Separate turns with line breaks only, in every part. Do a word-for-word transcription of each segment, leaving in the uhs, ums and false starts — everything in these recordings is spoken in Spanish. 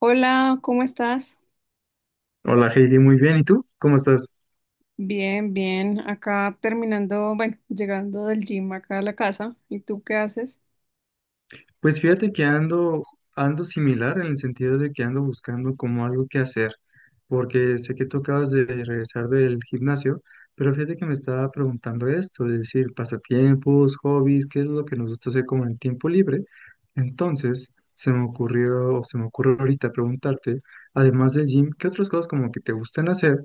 Hola, ¿cómo estás?
Hola Heidi, muy bien. ¿Y tú? ¿Cómo estás?
Bien, bien. Acá terminando, bueno, llegando del gym acá a la casa. ¿Y tú qué haces?
Pues fíjate que ando, ando similar en el sentido de que ando buscando como algo que hacer, porque sé que tú acabas de regresar del gimnasio, pero fíjate que me estaba preguntando esto, es decir, pasatiempos, hobbies, qué es lo que nos gusta hacer como en tiempo libre. Entonces, se me ocurrió, o se me ocurre ahorita preguntarte, además del gym, ¿qué otras cosas como que te gustan hacer?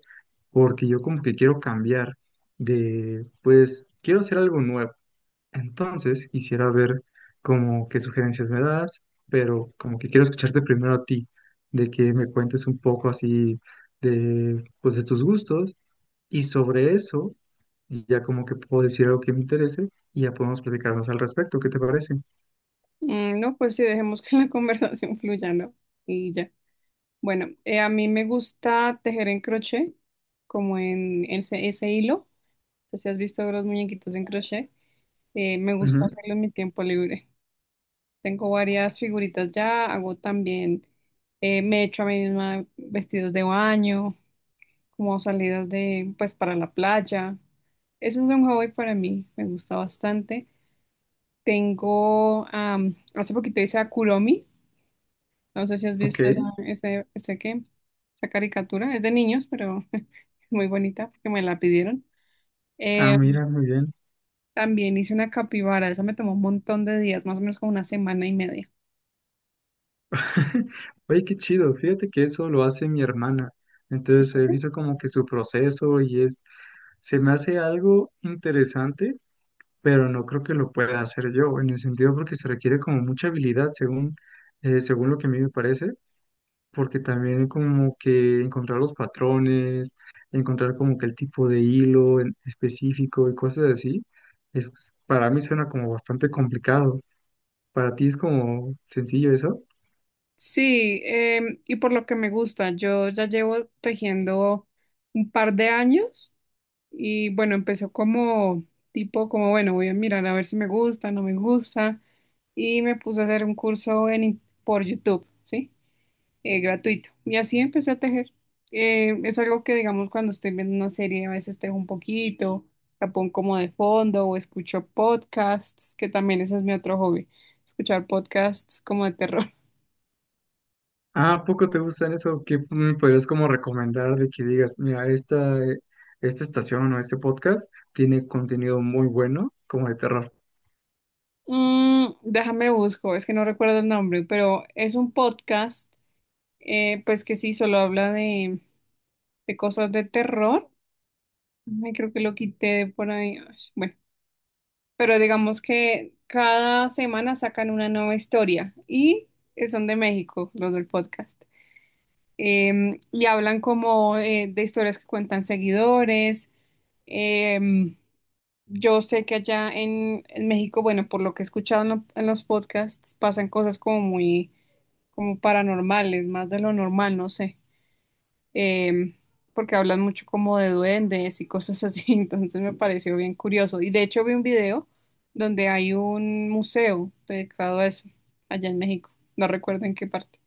Porque yo como que quiero cambiar de, pues, quiero hacer algo nuevo. Entonces, quisiera ver como qué sugerencias me das, pero como que quiero escucharte primero a ti, de que me cuentes un poco así de, pues, de tus gustos y sobre eso, y ya como que puedo decir algo que me interese y ya podemos platicarnos al respecto, ¿qué te parece?
Mm, no, pues sí, dejemos que la conversación fluya, ¿no? Y ya. Bueno, eh, a mí me gusta tejer en crochet, como en ese, ese hilo. No sé si has visto los muñequitos en crochet. Eh, me gusta
Ujú.
hacerlo en mi tiempo libre. Tengo varias figuritas ya, hago también, eh, me echo a mí misma vestidos de baño, como salidas de, pues, para la playa. Eso es un hobby para mí, me gusta bastante. Tengo, am, hace poquito hice a Kuromi, no sé si has
Ok.
visto esa, ese, ese qué, esa caricatura, es de niños, pero es muy bonita porque me la pidieron.
Ah,
Eh,
mira, muy bien.
También hice una capibara, esa me tomó un montón de días, más o menos como una semana y media.
Oye, qué chido, fíjate que eso lo hace mi hermana. Entonces he visto como que su proceso y es, se me hace algo interesante pero no creo que lo pueda hacer yo, en el sentido porque se requiere como mucha habilidad según, eh, según lo que a mí me parece, porque también como que encontrar los patrones, encontrar como que el tipo de hilo en específico y cosas así, es, para mí suena como bastante complicado. Para ti es como sencillo eso.
Sí, em, y por lo que me gusta, yo ya llevo tejiendo un par de años. Y bueno, empezó como tipo, como bueno, voy a mirar a ver si me gusta, no me gusta. Y me puse a hacer un curso en, in- por YouTube, ¿sí? Eh, gratuito. Y así empecé a tejer. Eh, es algo que, digamos, cuando estoy viendo una serie, a veces tejo un poquito, la pongo como de fondo o escucho podcasts, que también ese es mi otro hobby, escuchar podcasts como de terror.
Ah, ¿a poco te gustan eso? ¿Qué me podrías como recomendar de que digas, mira, esta, esta estación o este podcast tiene contenido muy bueno como de terror?
Mm, déjame busco, es que no recuerdo el nombre, pero es un podcast, eh, pues que sí, solo habla de de cosas de terror. Ay, creo que lo quité por ahí. Ay, bueno, pero digamos que cada semana sacan una nueva historia y son de México, los del podcast. Em, y hablan como eh, de historias que cuentan seguidores. Em, yo sé que allá en, en México, bueno, por lo que he escuchado en, lo- en los podcasts, pasan cosas como muy, como paranormales, más de lo normal, no sé. em, Porque hablan mucho como de duendes y cosas así, entonces me pareció bien curioso. Y de hecho vi un video donde hay un museo dedicado a eso, allá en México, no recuerdo en qué parte.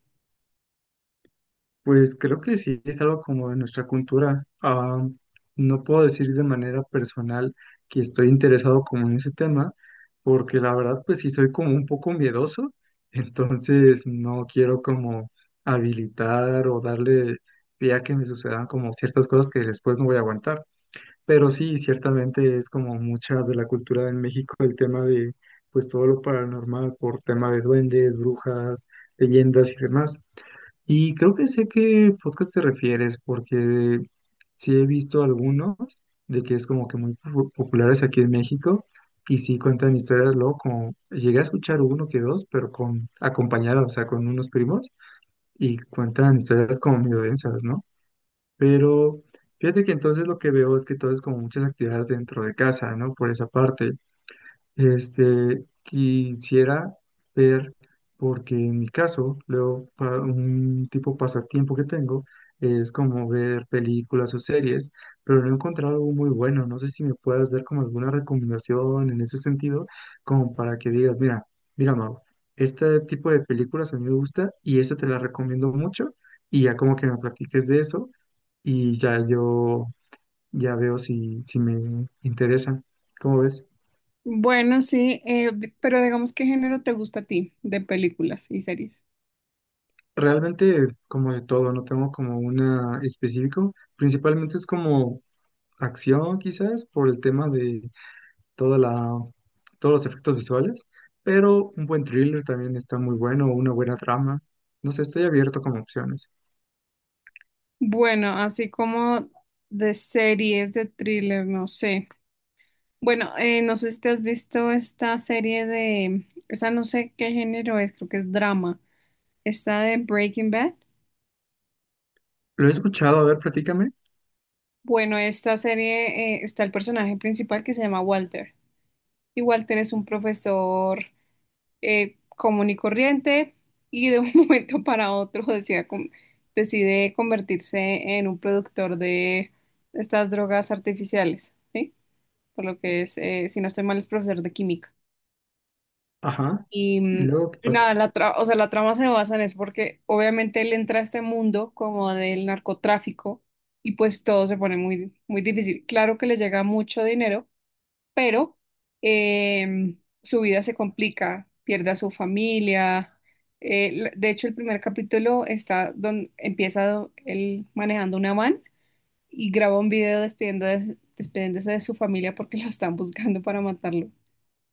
Pues creo que sí, es algo como de nuestra cultura. Ah, no puedo decir de manera personal que estoy interesado como en ese tema, porque la verdad pues sí soy como un poco miedoso, entonces no quiero como habilitar o darle pie a que me sucedan como ciertas cosas que después no voy a aguantar. Pero sí, ciertamente es como mucha de la cultura en México el tema de pues todo lo paranormal por tema de duendes, brujas, leyendas y demás. Y creo que sé qué podcast te refieres, porque sí he visto algunos de que es como que muy po- populares aquí en México y sí cuentan historias, luego como llegué a escuchar uno que dos, pero con acompañado, o sea, con unos primos y cuentan historias como medio densas, ¿no? Pero fíjate que entonces lo que veo es que todo es como muchas actividades dentro de casa, ¿no? Por esa parte. Este, quisiera ver, porque en mi caso, luego, pa- un tipo pasatiempo que tengo es como ver películas o series, pero no he encontrado algo muy bueno. No sé si me puedas dar como alguna recomendación en ese sentido, como para que digas, mira, mira, Mau, este tipo de películas a mí me gusta y esta te la recomiendo mucho, y ya como que me platiques de eso y ya yo ya veo si, si me interesa. ¿Cómo ves?
Bueno, sí, eh, di- pero digamos, ¿qué género te gusta a ti de películas y series?
Realmente como de todo, no tengo como una específico. Principalmente es como acción quizás por el tema de toda la, todos los efectos visuales, pero un buen thriller también está muy bueno, una buena trama. No sé, estoy abierto como opciones.
Bueno, así como de series, de thriller, no sé. Bueno, eh, no sé si te has visto esta serie de, esa no sé qué género es, creo que es drama, esta de Breaking Bad.
Lo he escuchado, a ver, platícame.
Bueno, esta serie eh, está el personaje principal que se llama Walter. Y Walter es un profesor eh, común y corriente y de un momento para otro decide, con- decide convertirse en un productor de estas drogas artificiales, ¿sí? Por lo que es, eh, si no estoy mal, es profesor de química.
Ajá.
Y,
¿Y
mm,
luego qué
y
pasa?
nada, la tra- o sea, la trama se basa en eso porque obviamente él entra a este mundo como del narcotráfico y pues todo se pone muy, muy difícil. Claro que le llega mucho dinero, pero em, su vida se complica, pierde a su familia. Eh, l- de hecho, el primer capítulo está donde empieza do- él manejando una van y graba un video despidiendo de- despidiéndose de su familia porque lo están buscando para matarlo.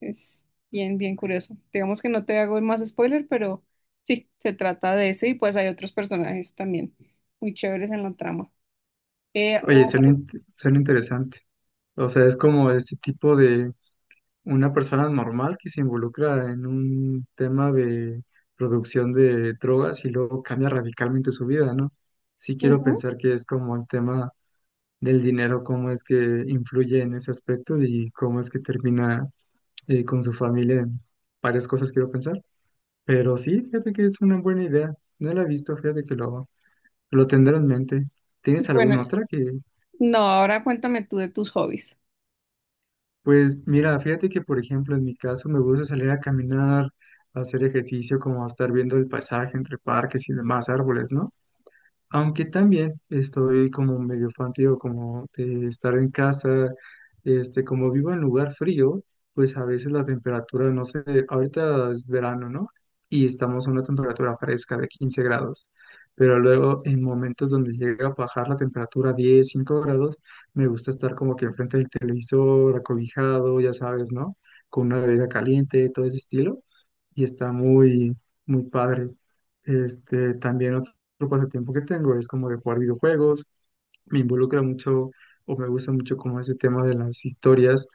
Es bien, bien curioso. Digamos que no te hago más spoiler, pero sí, se trata de eso y pues hay otros personajes también muy chéveres en la trama. Eh,
Oye, suena,
o-
int- suena interesante. O sea, es como ese tipo de una persona normal que se involucra en un tema de producción de drogas y luego cambia radicalmente su vida, ¿no? Sí quiero
Ujú.
pensar que es como el tema del dinero, cómo es que influye en ese aspecto y cómo es que termina eh, con su familia en varias cosas quiero pensar. Pero sí, fíjate que es una buena idea. No la he visto, fíjate que lo, lo tendré en mente. ¿Tienes alguna
Bueno,
otra que,
no, ahora cuéntame tú de tus hobbies.
Pues mira, fíjate que por ejemplo en mi caso me gusta salir a caminar, a hacer ejercicio, como a estar viendo el paisaje entre parques y demás árboles, ¿no? Aunque también estoy como medio fantío, como de estar en casa, este, como vivo en lugar frío, pues a veces la temperatura, no sé, ahorita es verano, ¿no? Y estamos a una temperatura fresca de quince grados, pero luego en momentos donde llega a bajar la temperatura a diez, cinco grados, me gusta estar como que enfrente del televisor, acobijado, ya sabes, ¿no? Con una bebida caliente, todo ese estilo, y está muy, muy padre. Este, también el pasatiempo que tengo es como de jugar videojuegos, me involucra mucho o me gusta mucho como ese tema de las historias,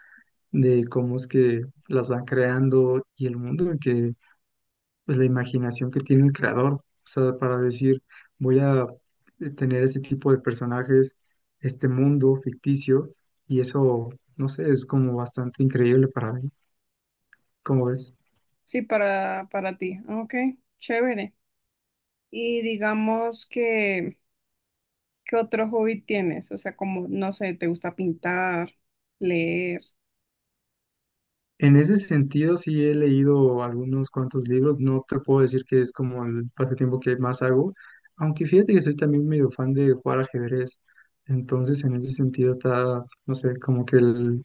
de cómo es que las van creando y el mundo en que, pues la imaginación que tiene el creador, o sea, para decir, voy a eh, tener este tipo de personajes, este mundo ficticio, y eso, no sé, es como bastante increíble para mí, ¿cómo ves?
Sí, para, para ti. Ok, chévere. Y digamos que, ¿qué otro hobby tienes? O sea, como, no sé, ¿te gusta pintar, leer?
En ese sentido, sí he leído algunos cuantos libros. No te puedo decir que es como el pasatiempo que más hago, aunque fíjate que soy también medio fan de jugar ajedrez. Entonces, en ese sentido está, no sé, como que el,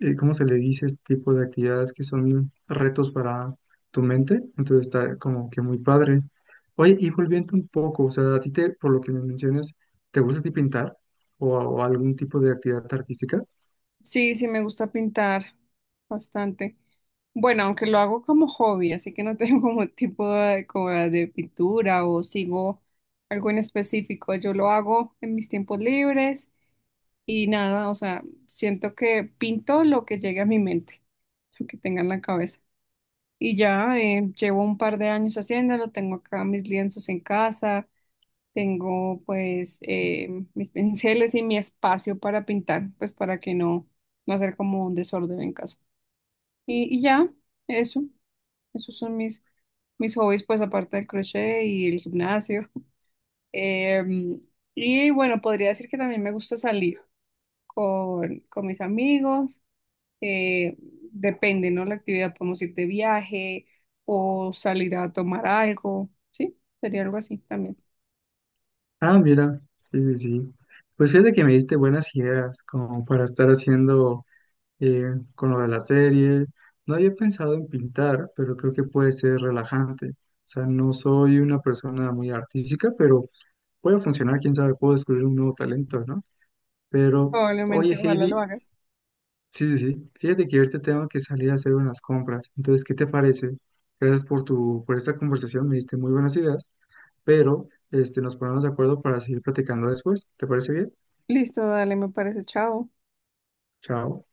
eh, ¿cómo se le dice este tipo de actividades que son retos para tu mente? Entonces está como que muy padre. Oye, y volviendo un poco, o sea, a ti te, por lo que me mencionas, ¿te gusta a ti pintar o o algún tipo de actividad artística?
Sí, sí, me gusta pintar bastante. Bueno, aunque lo hago como hobby, así que no tengo como tipo de, como de pintura o sigo algo en específico. Yo lo hago en mis tiempos libres y nada, o sea, siento que pinto lo que llegue a mi mente, lo que tenga en la cabeza. Y ya eh, llevo un par de años haciéndolo, tengo acá mis lienzos en casa, tengo pues eh, mis pinceles y mi espacio para pintar, pues para que no, no hacer como un desorden en casa. Y, y ya, eso, esos son mis, mis hobbies, pues aparte del crochet y el gimnasio. Em, y bueno, podría decir que también me gusta salir con, con mis amigos eh, depende, ¿no? La actividad, podemos ir de viaje o salir a tomar algo, ¿sí? Sería algo así también.
Ah, mira, sí, sí, sí. Pues fíjate que me diste buenas ideas como para estar haciendo eh, con lo de la serie. No había pensado en pintar, pero creo que puede ser relajante. O sea, no soy una persona muy artística, pero puede funcionar, quién sabe, puedo descubrir un nuevo talento, ¿no? Pero, oye,
Probablemente, ojalá lo
Heidi,
hagas.
sí, sí, sí. Fíjate que ahorita tengo que salir a hacer unas compras. Entonces, ¿qué te parece? Gracias por tu, por esta conversación, me diste muy buenas ideas, pero este, nos ponemos de acuerdo para seguir platicando después. ¿Te parece bien?
Listo, dale, me parece, chao.
Chao.